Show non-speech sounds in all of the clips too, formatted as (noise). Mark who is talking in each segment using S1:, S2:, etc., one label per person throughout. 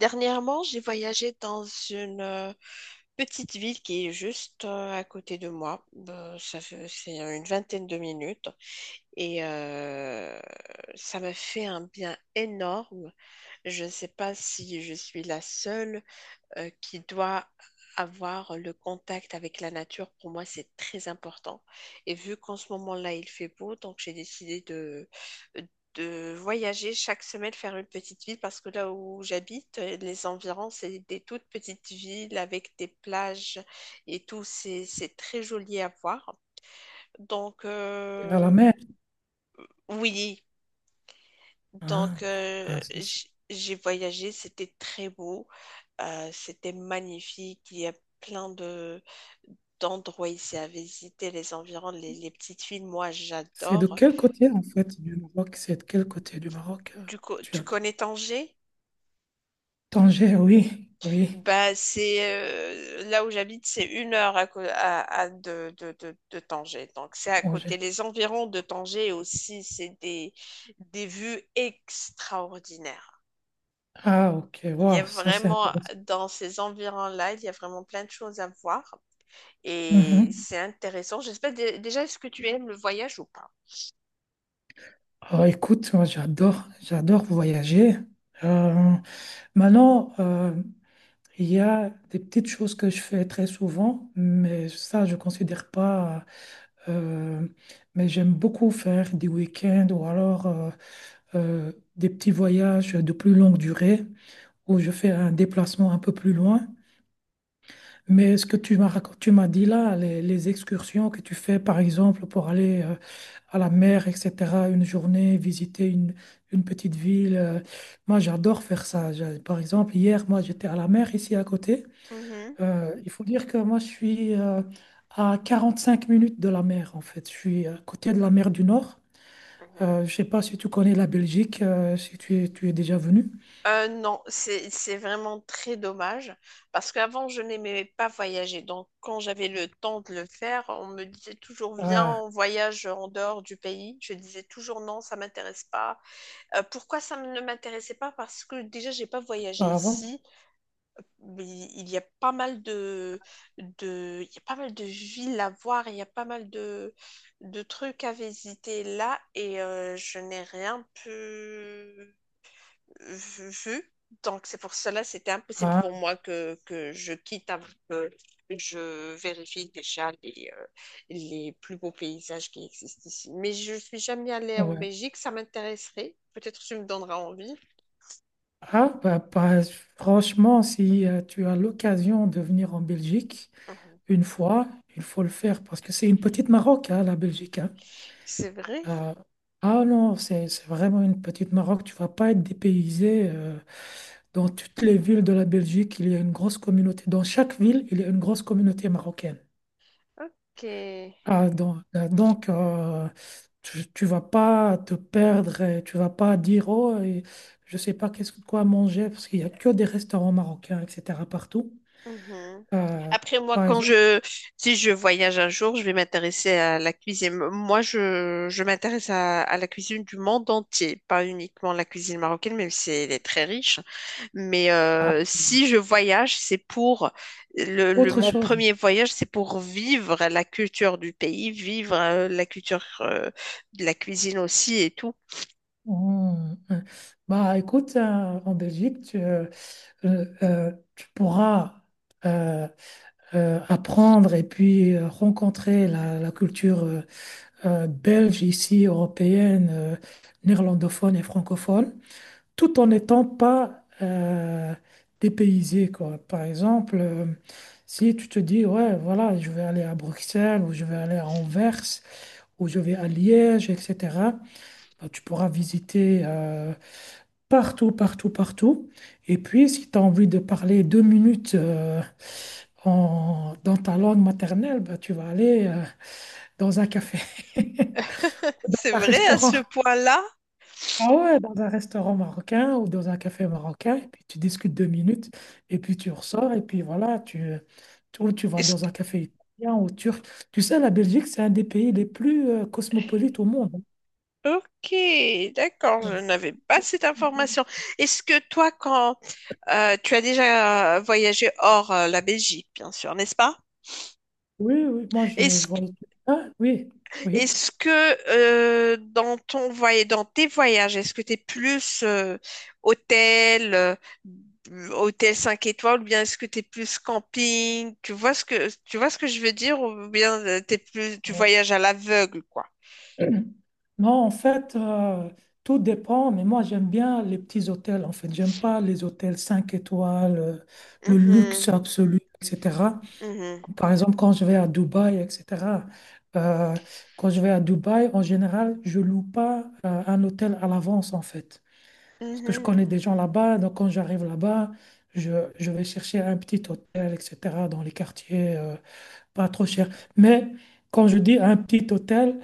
S1: Dernièrement, j'ai voyagé dans une petite ville qui est juste à côté de moi. C'est une vingtaine de minutes et ça m'a fait un bien énorme. Je ne sais pas si je suis la seule qui doit avoir le contact avec la nature. Pour moi, c'est très important. Et vu qu'en ce moment-là, il fait beau, donc j'ai décidé de voyager chaque semaine, faire une petite ville, parce que là où j'habite, les environs, c'est des toutes petites villes avec des plages et tout. C'est très joli à voir. Donc,
S2: Vers la
S1: euh,
S2: mer.
S1: oui.
S2: Ah,
S1: donc, euh,
S2: c'est
S1: j- j'ai voyagé, c'était très beau, c'était magnifique. Il y a plein de d'endroits ici à visiter, les environs, les petites villes, moi
S2: de
S1: j'adore.
S2: quel côté, en fait, du Maroc? C'est de quel côté du Maroc,
S1: Du coup,
S2: tu
S1: tu
S2: habites?
S1: connais Tanger?
S2: Tanger, oui, oui,
S1: Bah, c'est là où j'habite, c'est une heure à, co- à de Tanger. Donc, c'est à côté.
S2: Tanger.
S1: Les environs de Tanger aussi, c'est des vues extraordinaires.
S2: Ah, ok,
S1: Il y a
S2: wow, ça c'est
S1: vraiment,
S2: intéressant.
S1: dans ces environs-là, il y a vraiment plein de choses à voir et
S2: Mhm.
S1: c'est intéressant. Déjà, est-ce que tu aimes le voyage ou pas?
S2: Ah, écoute, moi j'adore, j'adore voyager. Euh, maintenant, il y a des petites choses que je fais très souvent, mais ça je considère pas. euh, mais j'aime beaucoup faire des week-ends ou alors des petits voyages de plus longue durée où je fais un déplacement un peu plus loin. Mais ce que tu tu m'as dit là, les excursions que tu fais, par exemple, pour aller à la mer, etc., une journée, une petite ville, moi j'adore faire ça. Par exemple, hier, moi j'étais à la mer ici à côté.
S1: Mhm.
S2: Il faut dire que moi je suis, à cinq minutes de la mer, en fait. Je suis à côté de la mer du Nord.
S1: Mhm.
S2: Je ne sais pas si tu connais la Belgique, si tu es, tu es déjà venu.
S1: Non, c'est vraiment très dommage parce qu'avant je n'aimais pas voyager. Donc quand j'avais le temps de le faire, on me disait toujours, viens,
S2: Ah,
S1: on voyage en dehors du pays. Je disais toujours non, ça m'intéresse pas. Pourquoi ça ne m'intéressait pas? Parce que déjà j'ai pas voyagé
S2: avant?
S1: ici, mais il y a pas mal il y a pas mal de villes à voir, il y a pas mal de trucs à visiter là, et je n'ai rien pu vu. Donc c'est pour cela, c'était impossible
S2: Ah,
S1: pour moi que je quitte avant que je vérifie déjà les plus beaux paysages qui existent ici. Mais je ne suis jamais allée en
S2: ouais.
S1: Belgique, ça m'intéresserait. Peut-être que tu me donneras envie.
S2: Ah, franchement, si tu as l'occasion de venir en Belgique
S1: Mhm.
S2: une fois, il faut le faire parce que c'est une petite Maroc, hein, la Belgique. Hein.
S1: C'est vrai?
S2: Ah, ah non, c'est vraiment une petite Maroc. Tu vas pas être dépaysé. Dans toutes les villes de la Belgique, il y a une grosse communauté. Dans chaque ville, il y a une grosse communauté marocaine.
S1: Ok.
S2: Ah, donc, tu vas pas te perdre, et tu vas pas dire, oh, et je sais pas qu'est-ce que quoi manger, parce qu'il y a que des restaurants marocains, etc., partout.
S1: Mhm.
S2: Euh,
S1: Après, moi,
S2: Par exemple,
S1: si je voyage un jour, je vais m'intéresser à la cuisine. Moi, je m'intéresse à la cuisine du monde entier, pas uniquement la cuisine marocaine, même si elle est très riche. Mais
S2: ah,
S1: si je voyage, c'est pour
S2: autre
S1: mon
S2: chose.
S1: premier voyage, c'est pour vivre la culture du pays, vivre la culture, de la cuisine aussi et tout.
S2: Hmm, hmm. Bah, écoute, en Belgique, tu pourras, euh, apprendre et puis rencontrer la, la culture, belge ici, européenne, néerlandophone et francophone, tout en n'étant pas dépaysé, quoi. Par exemple, si tu te dis, ouais, voilà, je vais aller à Bruxelles ou je vais aller à Anvers ou je vais à Liège, etc., bah, tu pourras visiter partout, partout, partout. Et puis, si tu as envie de parler deux minutes dans ta langue maternelle, bah, tu vas aller dans un café, (laughs) dans
S1: C'est
S2: un
S1: vrai à
S2: restaurant.
S1: ce point-là?
S2: Ah ouais, dans un restaurant marocain ou dans un café marocain, et puis tu discutes deux minutes, et puis tu ressors, et puis voilà, ou tu vas dans un café italien ou turc. Tu sais, la Belgique, c'est un des pays les plus cosmopolites au monde.
S1: Ok, d'accord,
S2: Ouais.
S1: je n'avais pas cette information. Est-ce que toi, quand tu as déjà voyagé hors la Belgique, bien sûr, n'est-ce pas?
S2: Oui, oui, moi je
S1: Est-ce, que-
S2: voyagé. Ah, oui, oui.
S1: Est-ce que dans ton voyage, dans tes voyages, est-ce que tu es plus hôtel, euh, hôtel 5 étoiles, ou bien est-ce que tu es plus camping? Tu vois ce que je veux dire, ou bien t'es plus, tu voyages à l'aveugle, quoi.
S2: Ouais. (clears throat) Non, en fait, tout dépend, mais moi j'aime bien les petits hôtels, en fait. J'aime pas les hôtels 5 étoiles, le luxe
S1: Mhm,
S2: absolu, etc.
S1: mhm,
S2: Par exemple, quand je vais à Dubaï, etc. euh, quand je vais à Dubaï, en général, je loue pas un hôtel à l'avance, en fait. Parce que je
S1: mhm.
S2: connais des gens là-bas, donc quand j'arrive là-bas, je vais chercher un petit hôtel, etc., dans les quartiers, pas trop cher. Mais quand je dis un petit hôtel,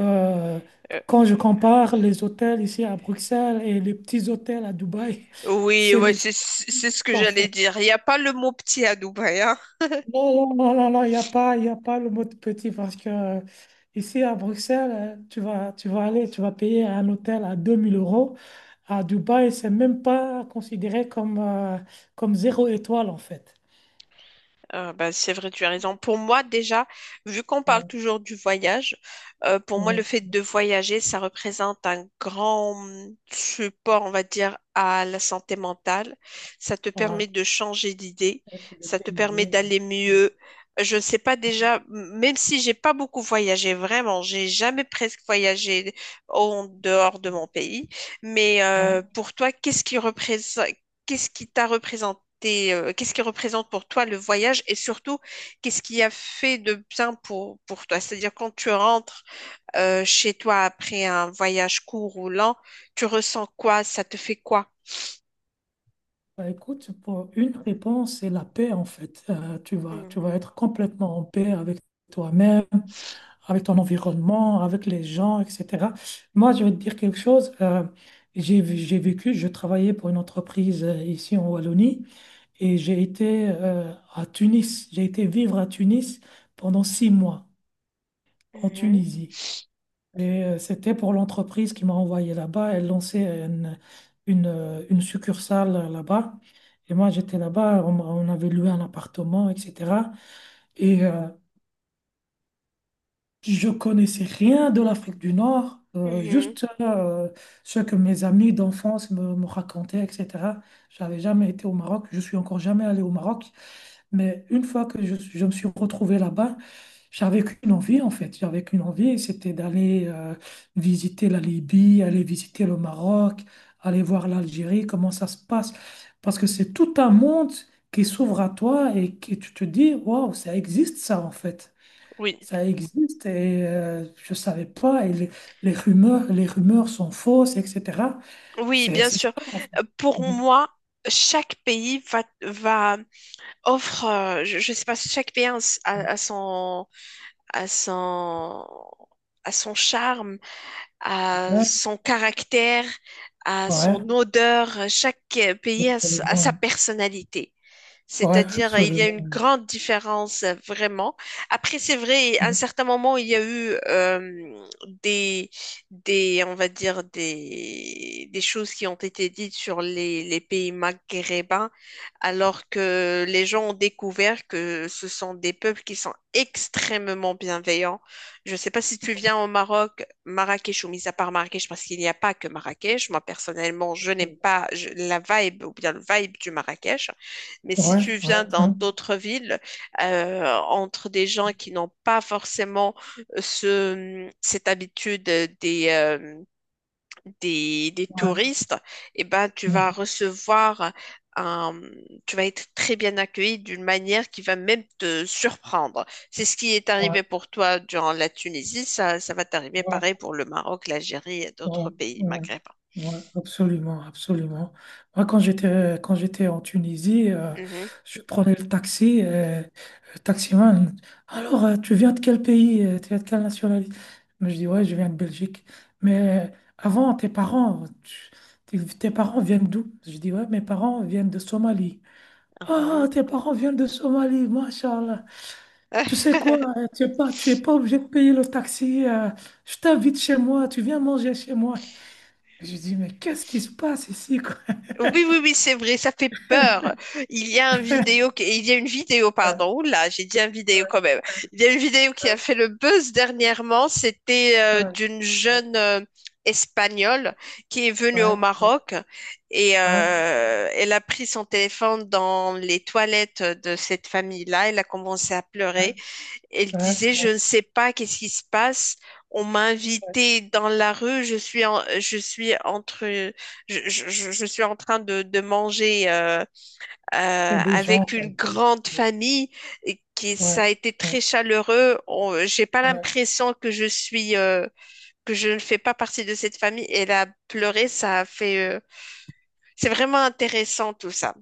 S2: euh, quand je compare les hôtels ici à Bruxelles et les petits hôtels à Dubaï, (laughs)
S1: Oui,
S2: c'est
S1: ouais,
S2: les autres,
S1: c'est ce que
S2: en
S1: j'allais
S2: fait.
S1: dire. Il n'y a pas le mot petit à Dubaï, hein.
S2: Non, non, non, non, non, il y a pas le mot de petit parce que ici à Bruxelles, tu vas payer un hôtel à 2000 euros. À Dubaï, c'est même pas considéré comme, comme zéro étoile, en fait.
S1: Bah, c'est vrai, tu as raison. Pour moi, déjà, vu qu'on parle
S2: Ouais,
S1: toujours du voyage, pour moi,
S2: ouais,
S1: le fait de voyager, ça représente un grand support, on va dire, à la santé mentale. Ça te
S2: ouais.
S1: permet de changer d'idée,
S2: Être
S1: ça te permet
S2: dépaysé,
S1: d'aller mieux. Je ne sais pas déjà, même si j'ai pas beaucoup voyagé, vraiment, j'ai jamais presque voyagé en dehors de mon pays. Mais
S2: ouais.
S1: pour toi, qu'est-ce qui t'a représenté, qu'est-ce qui représente pour toi le voyage et surtout, qu'est-ce qui a fait de bien pour toi? C'est-à-dire, quand tu rentres chez toi après un voyage court ou lent, tu ressens quoi? Ça te fait quoi?
S2: Bah, écoute, pour une réponse, c'est la paix en fait. Euh, tu vas
S1: Mhm.
S2: être complètement en paix avec toi-même, avec ton environnement, avec les gens, etc. Moi, je vais te dire quelque chose. J'ai vécu, je travaillais pour une entreprise ici en Wallonie et j'ai été, à Tunis. J'ai été vivre à Tunis pendant six mois en
S1: Mhm,
S2: Tunisie. Et c'était pour l'entreprise qui m'a envoyé là-bas. Elle lançait une succursale là-bas. Et moi, j'étais là-bas. On avait loué un appartement, etc. Et je connaissais rien de l'Afrique du Nord,
S1: mhm.
S2: juste ce que mes amis d'enfance me racontaient, etc. J'avais jamais été au Maroc. Je suis encore jamais allé au Maroc. Mais une fois que je me suis retrouvé là-bas, j'avais qu'une envie en fait. J'avais qu'une envie, c'était d'aller visiter la Libye, aller visiter le Maroc, aller voir l'Algérie, comment ça se passe. Parce que c'est tout un monde qui s'ouvre à toi et qui tu te dis, waouh, ça existe ça en fait.
S1: Oui,
S2: Ça existe et je ne savais pas. Et les rumeurs sont fausses, etc.
S1: oui,
S2: C'est
S1: bien
S2: ça
S1: sûr.
S2: en fait.
S1: Pour moi, chaque pays je sais pas, chaque pays a, a- son, a son, a son charme, a
S2: Ouais,
S1: son caractère, a
S2: ouais,
S1: son odeur. Chaque pays a sa
S2: absolument.
S1: personnalité.
S2: Ouais,
S1: C'est-à-dire, il y a
S2: absolument.
S1: une grande différence, vraiment. Après, c'est vrai, à un certain moment, il y a eu des, on va dire, des choses qui ont été dites sur les pays maghrébins, alors que les gens ont découvert que ce sont des peuples qui sont extrêmement bienveillants. Je ne sais pas si tu viens au Maroc, Marrakech, ou mis à part Marrakech, parce qu'il n'y a pas que Marrakech. Moi, personnellement, je n'aime pas je- la vibe ou bien le vibe du Marrakech. Mais si
S2: Ouais,
S1: tu
S2: ouais,
S1: viens dans
S2: hein,
S1: d'autres villes, entre des gens qui n'ont pas forcément cette habitude des
S2: ouais,
S1: touristes, eh ben, tu vas
S2: ouais,
S1: recevoir un, tu vas être très bien accueilli d'une manière qui va même te surprendre. C'est ce qui est
S2: ouais,
S1: arrivé pour toi durant la Tunisie, ça va t'arriver
S2: ouais,
S1: pareil pour le Maroc, l'Algérie et d'autres
S2: ouais,
S1: pays
S2: ouais,
S1: maghrébins.
S2: ouais, absolument, absolument. Moi, quand j'étais en Tunisie,
S1: Mhm,
S2: je prenais le taxi, le taximan, alors, tu viens de quel pays? Tu viens de quelle nationalité? Mais je dis, ouais, je viens de Belgique. Mais avant, tes parents viennent d'où? Je dis, ouais, mes parents viennent de Somalie. Ah,
S1: mhm.
S2: tes parents viennent de Somalie, machallah. Tu sais quoi,
S1: (laughs)
S2: tu es pas obligé de payer le taxi. Je t'invite chez moi, tu viens manger chez moi. Je dis, mais qu'est-ce qui se passe ici, quoi?
S1: Oui, oui, oui, c'est vrai, ça fait peur.
S2: (laughs)
S1: Il y a une vidéo, pardon, là, j'ai dit un vidéo quand même. Il y a une vidéo qui a fait le buzz dernièrement, c'était d'une jeune Espagnole qui est venue
S2: Ouais,
S1: au
S2: ouais, ouais,
S1: Maroc, et
S2: ouais,
S1: euh, elle a pris son téléphone dans les toilettes de cette famille-là. Elle a commencé à pleurer. Elle
S2: ouais,
S1: disait,
S2: ouais,
S1: je ne sais pas qu'est-ce qui se passe. On m'a
S2: ouais.
S1: invitée dans la rue. Je suis en, je suis entre, je- Je suis en train de manger,
S2: Il y a des gens,
S1: avec
S2: quoi.
S1: une grande famille, et qui, ça a
S2: Ouais,
S1: été
S2: ouais,
S1: très chaleureux. J'ai pas
S2: ouais,
S1: l'impression que je suis, que je ne fais pas partie de cette famille. Elle a pleuré. C'est vraiment intéressant tout ça.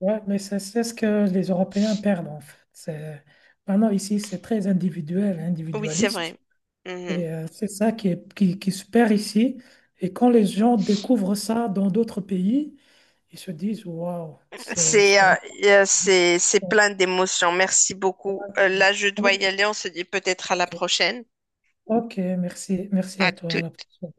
S2: ouais, mais c'est ce que les Européens perdent en fait. C'est- Maintenant, ici, c'est très individuel,
S1: Oui, c'est
S2: individualiste.
S1: vrai. Mhm.
S2: Et c'est ça qui se perd ici. Et quand les gens découvrent ça dans d'autres pays, ils se disent, waouh, c'est. Je
S1: C'est euh,
S2: savais
S1: c'est
S2: pas.
S1: plein d'émotions. Merci beaucoup. Là, je dois
S2: Ok,
S1: y aller. On se dit peut-être à la
S2: ok,
S1: prochaine.
S2: ok, merci, merci
S1: À
S2: à toi. À la
S1: toutes.
S2: prochaine.